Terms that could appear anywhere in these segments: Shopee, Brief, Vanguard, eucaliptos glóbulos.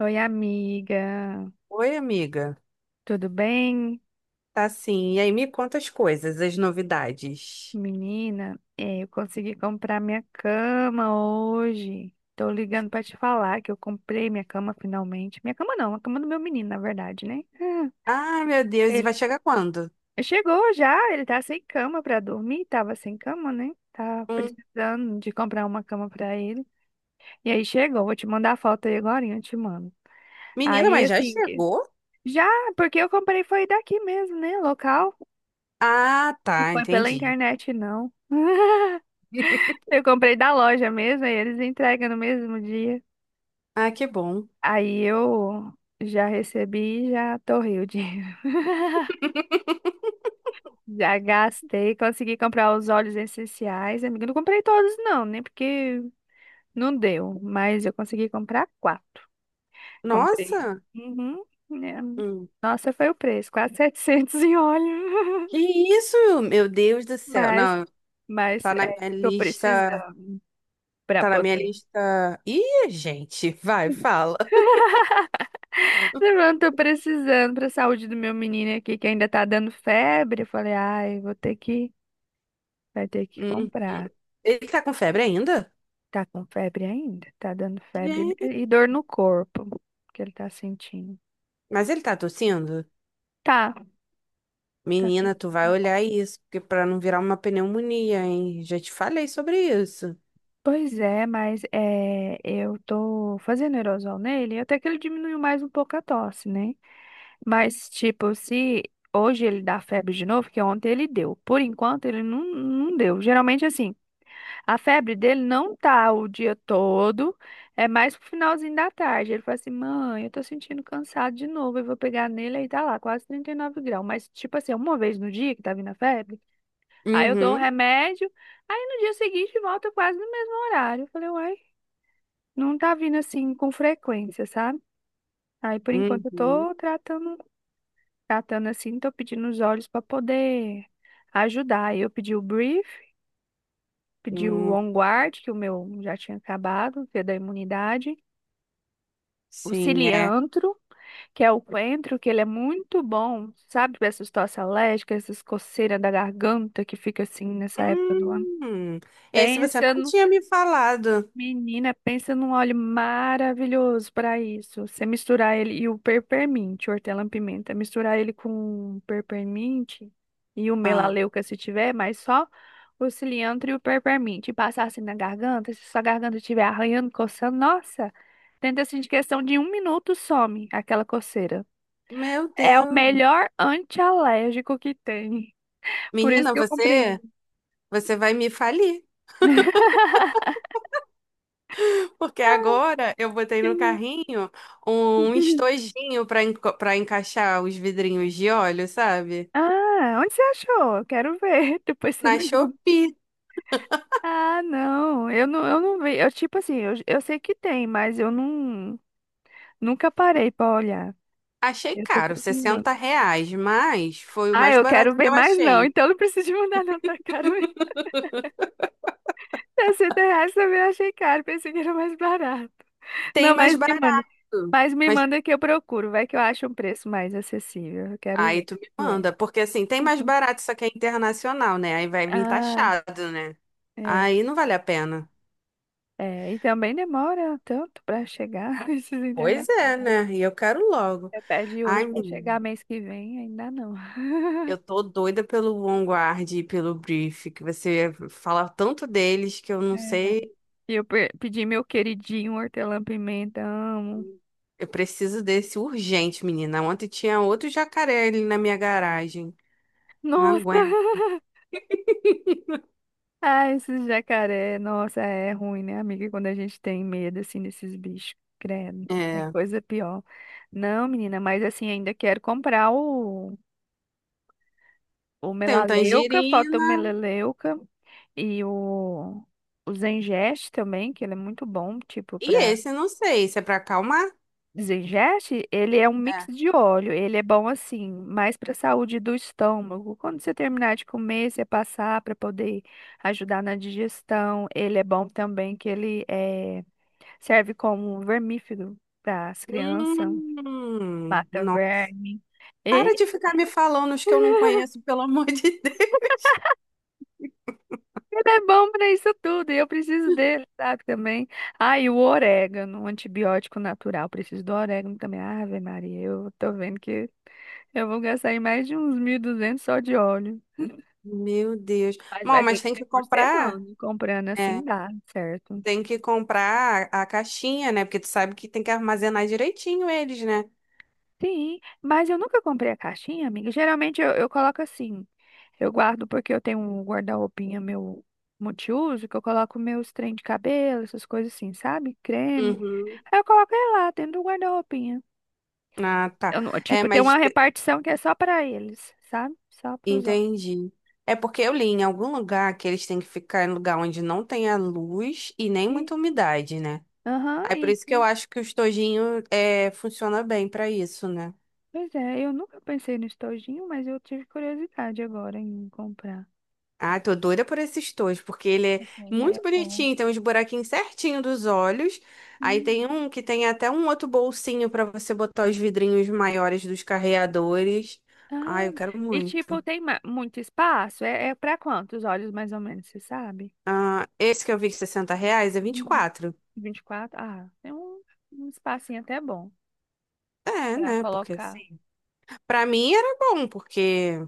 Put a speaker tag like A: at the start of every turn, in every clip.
A: Oi, amiga.
B: Oi, amiga.
A: Tudo bem?
B: Tá sim. E aí, me conta as coisas, as novidades.
A: Menina, é, eu consegui comprar minha cama hoje. Tô ligando pra te falar que eu comprei minha cama finalmente. Minha cama não, a cama do meu menino, na verdade, né? Ah,
B: Ai, meu Deus, e vai
A: Ele
B: chegar quando?
A: chegou já, ele tá sem cama pra dormir, tava sem cama, né? Tá
B: Hum.
A: precisando de comprar uma cama pra ele. E aí chegou, vou te mandar a foto aí agora, eu te mando.
B: Menina,
A: Aí,
B: mas já
A: assim, que-
B: chegou?
A: já, porque eu comprei foi daqui mesmo, né? Local.
B: Ah,
A: Não
B: tá,
A: foi pela
B: entendi.
A: internet, não. Eu comprei da loja mesmo, aí eles entregam no mesmo dia.
B: Ah, que bom.
A: Aí eu já recebi e já torrei o dinheiro. Já gastei, consegui comprar os óleos essenciais, amiga. Eu não comprei todos, não, nem porque não deu, mas eu consegui comprar quatro. Comprei.
B: Nossa!
A: Uhum. né?
B: Hum.
A: Nossa, foi o preço, quase 700 em óleo.
B: Que isso? Meu Deus do céu.
A: Mas,
B: Não,
A: mas
B: tá na
A: é,
B: minha
A: tô
B: lista.
A: precisando para
B: Tá na minha
A: poder.
B: lista. Ih, gente, vai, fala.
A: Mano, tô precisando pra saúde do meu menino aqui que ainda tá dando febre. Eu falei, ai, vou ter que, vai ter que
B: Hum.
A: comprar.
B: Ele tá com febre ainda?
A: Tá com febre ainda? Tá dando febre e
B: Gente.
A: e dor no corpo que ele tá sentindo.
B: Mas ele tá tossindo?
A: Tá, tá.
B: Menina, tu vai olhar isso, porque para não virar uma pneumonia, hein? Já te falei sobre isso.
A: Pois é, mas é, eu tô fazendo aerosol nele, até que ele diminuiu mais um pouco a tosse, né? Mas, tipo, se hoje ele dá febre de novo, que ontem ele deu. Por enquanto, ele não deu. Geralmente, assim. A febre dele não tá o dia todo, é mais pro finalzinho da tarde. Ele fala assim: mãe, eu tô sentindo cansado de novo. Eu vou pegar nele aí tá lá, quase 39 graus. Mas, tipo assim, uma vez no dia que tá vindo a febre, aí eu dou o
B: Uhum,
A: remédio, aí no dia seguinte volta quase no mesmo horário. Eu falei: uai, não tá vindo assim com frequência, sabe? Aí por enquanto eu
B: uhum,
A: tô tratando, tratando assim, tô pedindo os olhos pra poder ajudar. Aí eu pedi o brief. Pedi o
B: hum,
A: Onguard, que o meu já tinha acabado, que é da imunidade. O
B: sim, é.
A: Ciliantro, que é o coentro, que ele é muito bom, sabe, para essas tosse alérgicas, essas coceiras da garganta que fica assim nessa época do ano.
B: Hum, esse você
A: Pensa
B: não tinha me falado.
A: Menina, pensa num óleo maravilhoso para isso. Você misturar ele e o peppermint, hortelã-pimenta, misturar ele com peppermint e o
B: Ah,
A: melaleuca se tiver, mas só o cilantro e o peppermint. E passar assim na garganta, se sua garganta estiver arranhando, coçando, nossa, tenta assim de questão de um minuto some aquela coceira.
B: meu
A: É o
B: Deus.
A: melhor antialérgico que tem. Por isso
B: Menina,
A: que eu comprei
B: você,
A: ele.
B: você vai me falir, porque agora eu botei no carrinho um estojinho para encaixar os vidrinhos de óleo, sabe?
A: Ah, onde você achou? Eu quero ver. Depois você
B: Na
A: me manda.
B: Shopee.
A: Ah, não, eu não vi. Eu, tipo assim, eu sei que tem, mas eu não, nunca parei pra olhar.
B: Achei
A: Eu tô
B: caro,
A: precisando.
B: R$ 60, mas foi o
A: Ah,
B: mais
A: eu quero
B: barato que
A: ver
B: eu
A: mais não,
B: achei.
A: então não preciso de mandar não, tá caro mesmo. R$ 60 também eu achei caro, pensei que era mais barato.
B: Tem
A: Não,
B: mais
A: mas me manda.
B: barato.
A: Mas me
B: Mas
A: manda que eu procuro, vai que eu acho um preço mais acessível. Eu quero
B: aí
A: ver
B: tu
A: qual
B: me
A: que é.
B: manda, porque assim, tem mais barato, só que é internacional, né? Aí vai vir
A: Ah,
B: taxado, né?
A: é,
B: Aí não vale a pena.
A: é. E também demora tanto pra chegar esses
B: Pois é,
A: internacionais.
B: né? E eu quero logo.
A: Você pede
B: Ai,
A: hoje pra
B: menina,
A: chegar mês que vem, ainda não.
B: eu tô doida pelo Vanguard e pelo Brief, que você fala tanto deles que eu não
A: É.
B: sei.
A: E eu pedi meu queridinho hortelã-pimenta, amo.
B: Eu preciso desse urgente, menina. Ontem tinha outro jacaré ali na minha garagem. Eu não
A: Nossa!
B: aguento.
A: Ah, esses jacaré, nossa, é ruim, né, amiga? Quando a gente tem medo, assim, desses bichos, credo, é
B: É.
A: coisa pior. Não, menina, mas assim, ainda quero comprar o
B: Tem um
A: melaleuca, falta o
B: tangerina.
A: melaleuca e o, o Zengeste também, que ele é muito bom, tipo,
B: E
A: pra
B: esse, não sei, se é pra acalmar?
A: Zingeste, ele é um mix
B: É.
A: de óleo. Ele é bom assim, mais para a saúde do estômago. Quando você terminar de comer, você passar para poder ajudar na digestão. Ele é bom também que serve como um vermífugo para as crianças, mata
B: Não.
A: verme.
B: Para de ficar me falando os que eu não conheço, pelo amor de Deus.
A: Ele é bom pra isso tudo, e eu preciso dele, sabe, também. Ah, e o orégano, um antibiótico natural, preciso do orégano também. Ave Maria, eu tô vendo que eu vou gastar aí mais de uns 1.200 só de óleo.
B: Meu Deus.
A: Mas
B: Bom,
A: vai ter
B: mas
A: que
B: tem
A: ser
B: que
A: por
B: comprar.
A: semana, comprando assim
B: É,
A: dá, certo?
B: tem que comprar a caixinha, né? Porque tu sabe que tem que armazenar direitinho eles, né?
A: Sim, mas eu nunca comprei a caixinha, amiga. Geralmente eu coloco assim. Eu guardo porque eu tenho um guarda-roupinha meu multiuso, que eu coloco meus trem de cabelo, essas coisas assim, sabe? Creme.
B: Uhum.
A: Aí eu coloco ele lá dentro do guarda-roupinha.
B: Ah, tá.
A: Eu não-
B: É,
A: tipo, tem uma
B: mas
A: repartição que é só pra eles, sabe? Só pros homens.
B: entendi. É porque eu li em algum lugar que eles têm que ficar em lugar onde não tenha luz e nem
A: E-
B: muita umidade, né?
A: Aham,
B: Aí por isso que eu
A: isso.
B: acho que o estojinho é, funciona bem pra isso, né?
A: Pois é, eu nunca pensei no estojinho, mas eu tive curiosidade agora em comprar.
B: Ah, tô doida por esse estojo, porque ele é
A: Achei a
B: muito
A: ideia boa.
B: bonitinho, tem uns buraquinhos certinho dos olhos. Aí tem
A: Hum.
B: um que tem até um outro bolsinho pra você botar os vidrinhos maiores dos carreadores. Ai,
A: Ah,
B: eu quero
A: e
B: muito.
A: tipo, tem muito espaço? É para quantos olhos, mais ou menos, você sabe?
B: Ah, esse que eu vi de R$ 60 é vinte e
A: Uhum.
B: quatro.
A: 24. Ah, tem um, um espacinho até bom
B: É,
A: pra
B: né? Porque
A: colocar.
B: assim, pra mim era bom, porque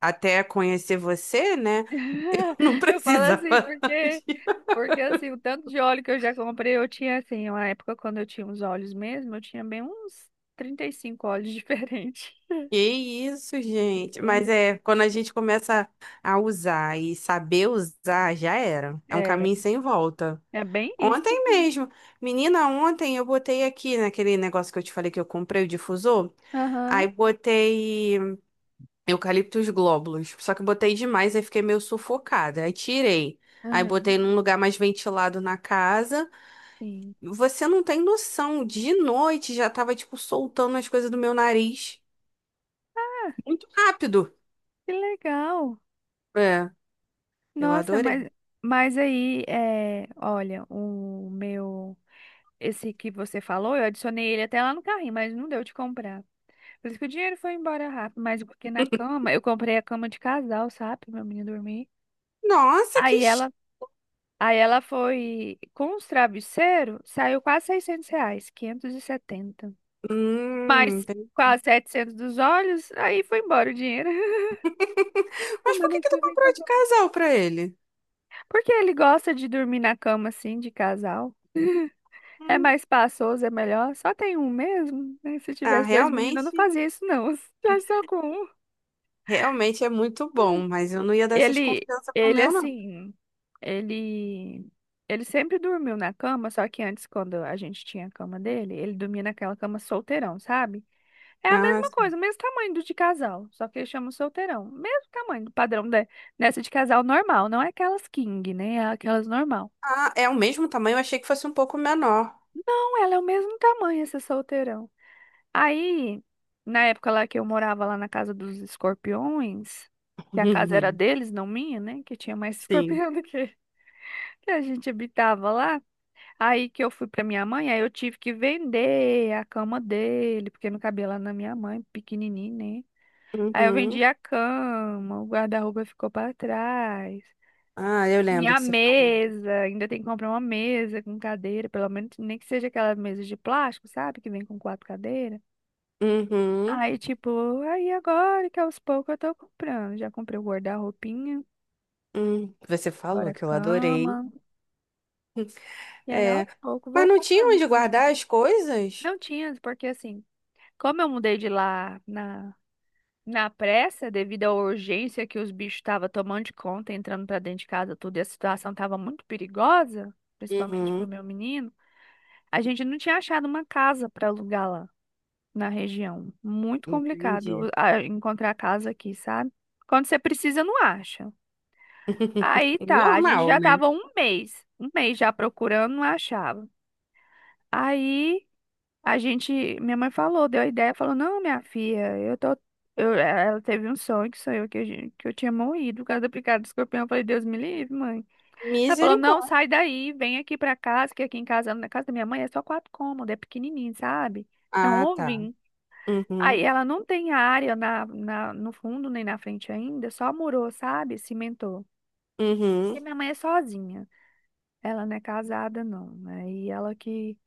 B: até conhecer você, né? Eu não
A: Eu falo
B: precisava.
A: assim porque, porque assim, o tanto de óleo que eu já comprei, eu tinha assim, uma época quando eu tinha os olhos mesmo, eu tinha bem uns 35 olhos diferentes.
B: Que isso, gente. Mas
A: Beleza.
B: é, quando a gente começa a usar e saber usar, já era. É um
A: É,
B: caminho sem volta.
A: é bem isso.
B: Ontem mesmo, menina, ontem eu botei aqui naquele negócio que eu te falei que eu comprei o difusor,
A: Aham,
B: aí botei eucaliptos glóbulos. Só que eu botei demais, aí fiquei meio sufocada. Aí tirei. Aí
A: aham,
B: botei num lugar mais ventilado na casa.
A: sim.
B: Você não tem noção, de noite já tava tipo soltando as coisas do meu nariz. Muito rápido.
A: Que legal.
B: É. Eu
A: Nossa,
B: adorei.
A: mas aí, é, olha, o meu, esse que você falou, eu adicionei ele até lá no carrinho, mas não deu de comprar. Por isso que o dinheiro foi embora rápido, mas porque na cama, eu comprei a cama de casal, sabe, pra meu menino dormir.
B: Nossa, que.
A: Aí ela, aí ela foi, com os travesseiros, saiu quase R$ 600, 570. Mas
B: Entendi.
A: quase 700 dos olhos, aí foi embora o dinheiro.
B: Mas por que
A: Semana
B: que tu
A: que vem
B: comprou de
A: comprar.
B: casal pra ele?
A: Porque ele gosta de dormir na cama, assim, de casal. É
B: Hum,
A: mais espaçoso, é melhor. Só tem um mesmo, né? Se
B: ah,
A: tivesse dois meninos, eu não
B: realmente,
A: fazia isso, não. Já só com um.
B: realmente é muito
A: Hum.
B: bom, mas eu não ia dar essas
A: Ele,
B: confianças pro
A: ele
B: meu, não.
A: assim, ele, ele sempre dormiu na cama, só que antes, quando a gente tinha a cama dele, ele dormia naquela cama solteirão, sabe? É a
B: Ah,
A: mesma
B: sim.
A: coisa, o mesmo tamanho do de casal, só que ele chama solteirão. Mesmo tamanho do padrão de, dessa de casal normal, não é aquelas king, né? É aquelas normal.
B: Ah, é o mesmo tamanho, eu achei que fosse um pouco menor.
A: Não, ela é o mesmo tamanho, essa solteirão. Aí, na época lá que eu morava lá na casa dos escorpiões, que a casa era deles, não minha, né? Que tinha mais
B: Sim.
A: escorpião do que a gente habitava lá. Aí que eu fui pra minha mãe, aí eu tive que vender a cama dele, porque não cabia lá na minha mãe, pequenininho, né? Aí eu
B: Uhum.
A: vendi a cama, o guarda-roupa ficou pra trás.
B: Ah, eu lembro
A: Minha
B: que você falou.
A: mesa, ainda tem que comprar uma mesa com cadeira, pelo menos nem que seja aquela mesa de plástico, sabe? Que vem com quatro cadeiras.
B: Uhum.
A: Aí, tipo, aí agora que aos poucos eu tô comprando. Já comprei o guarda-roupinha,
B: Você
A: agora
B: falou
A: a
B: que eu adorei.
A: cama. E aí,
B: É.
A: aos poucos, vou
B: Mas não tinha
A: comprando as
B: onde
A: coisas.
B: guardar as coisas?
A: Não tinha, porque assim, como eu mudei de lá na pressa, devido à urgência que os bichos estavam tomando de conta, entrando pra dentro de casa, tudo, e a situação tava muito perigosa, principalmente pro
B: Uhum.
A: meu menino, a gente não tinha achado uma casa pra alugar lá na região. Muito
B: Entendi.
A: complicado encontrar casa aqui, sabe? Quando você precisa, não acha. Aí tá, a gente
B: Normal,
A: já
B: né?
A: tava um mês já procurando, não achava. Aí a gente, minha mãe falou, deu a ideia, falou: Não, minha filha, eu tô. Ela teve um sonho que sonhou que eu tinha morrido por causa do picado do escorpião. Eu falei: Deus me livre, mãe. Ela falou: Não,
B: Misericórdia.
A: sai daí, vem aqui pra casa, que aqui em casa, na casa da minha mãe, é só quatro cômodos, é pequenininho, sabe? É um
B: Ah, tá.
A: ovinho. Aí
B: Uhum,
A: ela não tem área no fundo nem na frente ainda, só murou, sabe? Cimentou. Porque
B: uhum.
A: minha mãe é sozinha. Ela não é casada, não, né? E ela que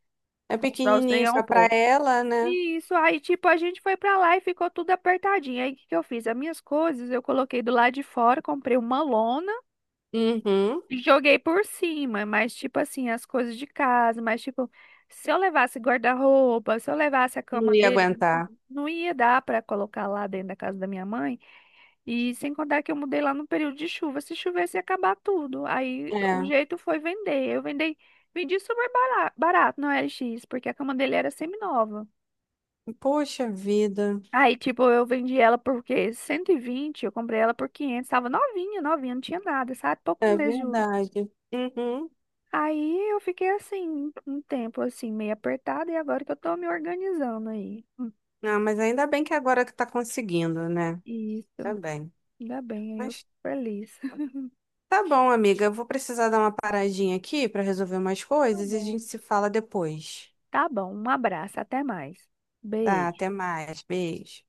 B: É
A: constrói os trem
B: pequenininho
A: ao
B: só pra
A: pouco.
B: ela, né?
A: E isso aí, tipo, a gente foi pra lá e ficou tudo apertadinho. Aí o que que eu fiz? As minhas coisas eu coloquei do lado de fora, comprei uma lona
B: Uhum.
A: e joguei por cima. Mas, tipo assim, as coisas de casa, mas, tipo, se eu levasse guarda-roupa, se eu levasse a cama
B: Não ia
A: dele,
B: aguentar.
A: não ia dar pra colocar lá dentro da casa da minha mãe. E sem contar que eu mudei lá no período de chuva. Se chovesse, ia acabar tudo. Aí o
B: É.
A: jeito foi vender. Vendi super barato no LX, porque a cama dele era semi-nova.
B: Poxa vida.
A: Aí, tipo, eu vendi ela por quê? 120. Eu comprei ela por 500. Tava novinha, novinha, não tinha nada, sabe? Poucos
B: É
A: meses de uso.
B: verdade. Uhum.
A: Aí eu fiquei assim, um tempo assim, meio apertada, e agora que eu tô me organizando aí.
B: Não, mas ainda bem que agora que tá conseguindo, né? Tá
A: Isso,
B: bem.
A: ainda bem, aí eu fico
B: Mas
A: feliz.
B: tá bom, amiga. Eu vou precisar dar uma paradinha aqui pra resolver umas
A: Tá
B: coisas e a
A: bom.
B: gente se fala depois.
A: Tá bom, um abraço, até mais.
B: Tá,
A: Beijo.
B: até mais. Beijo.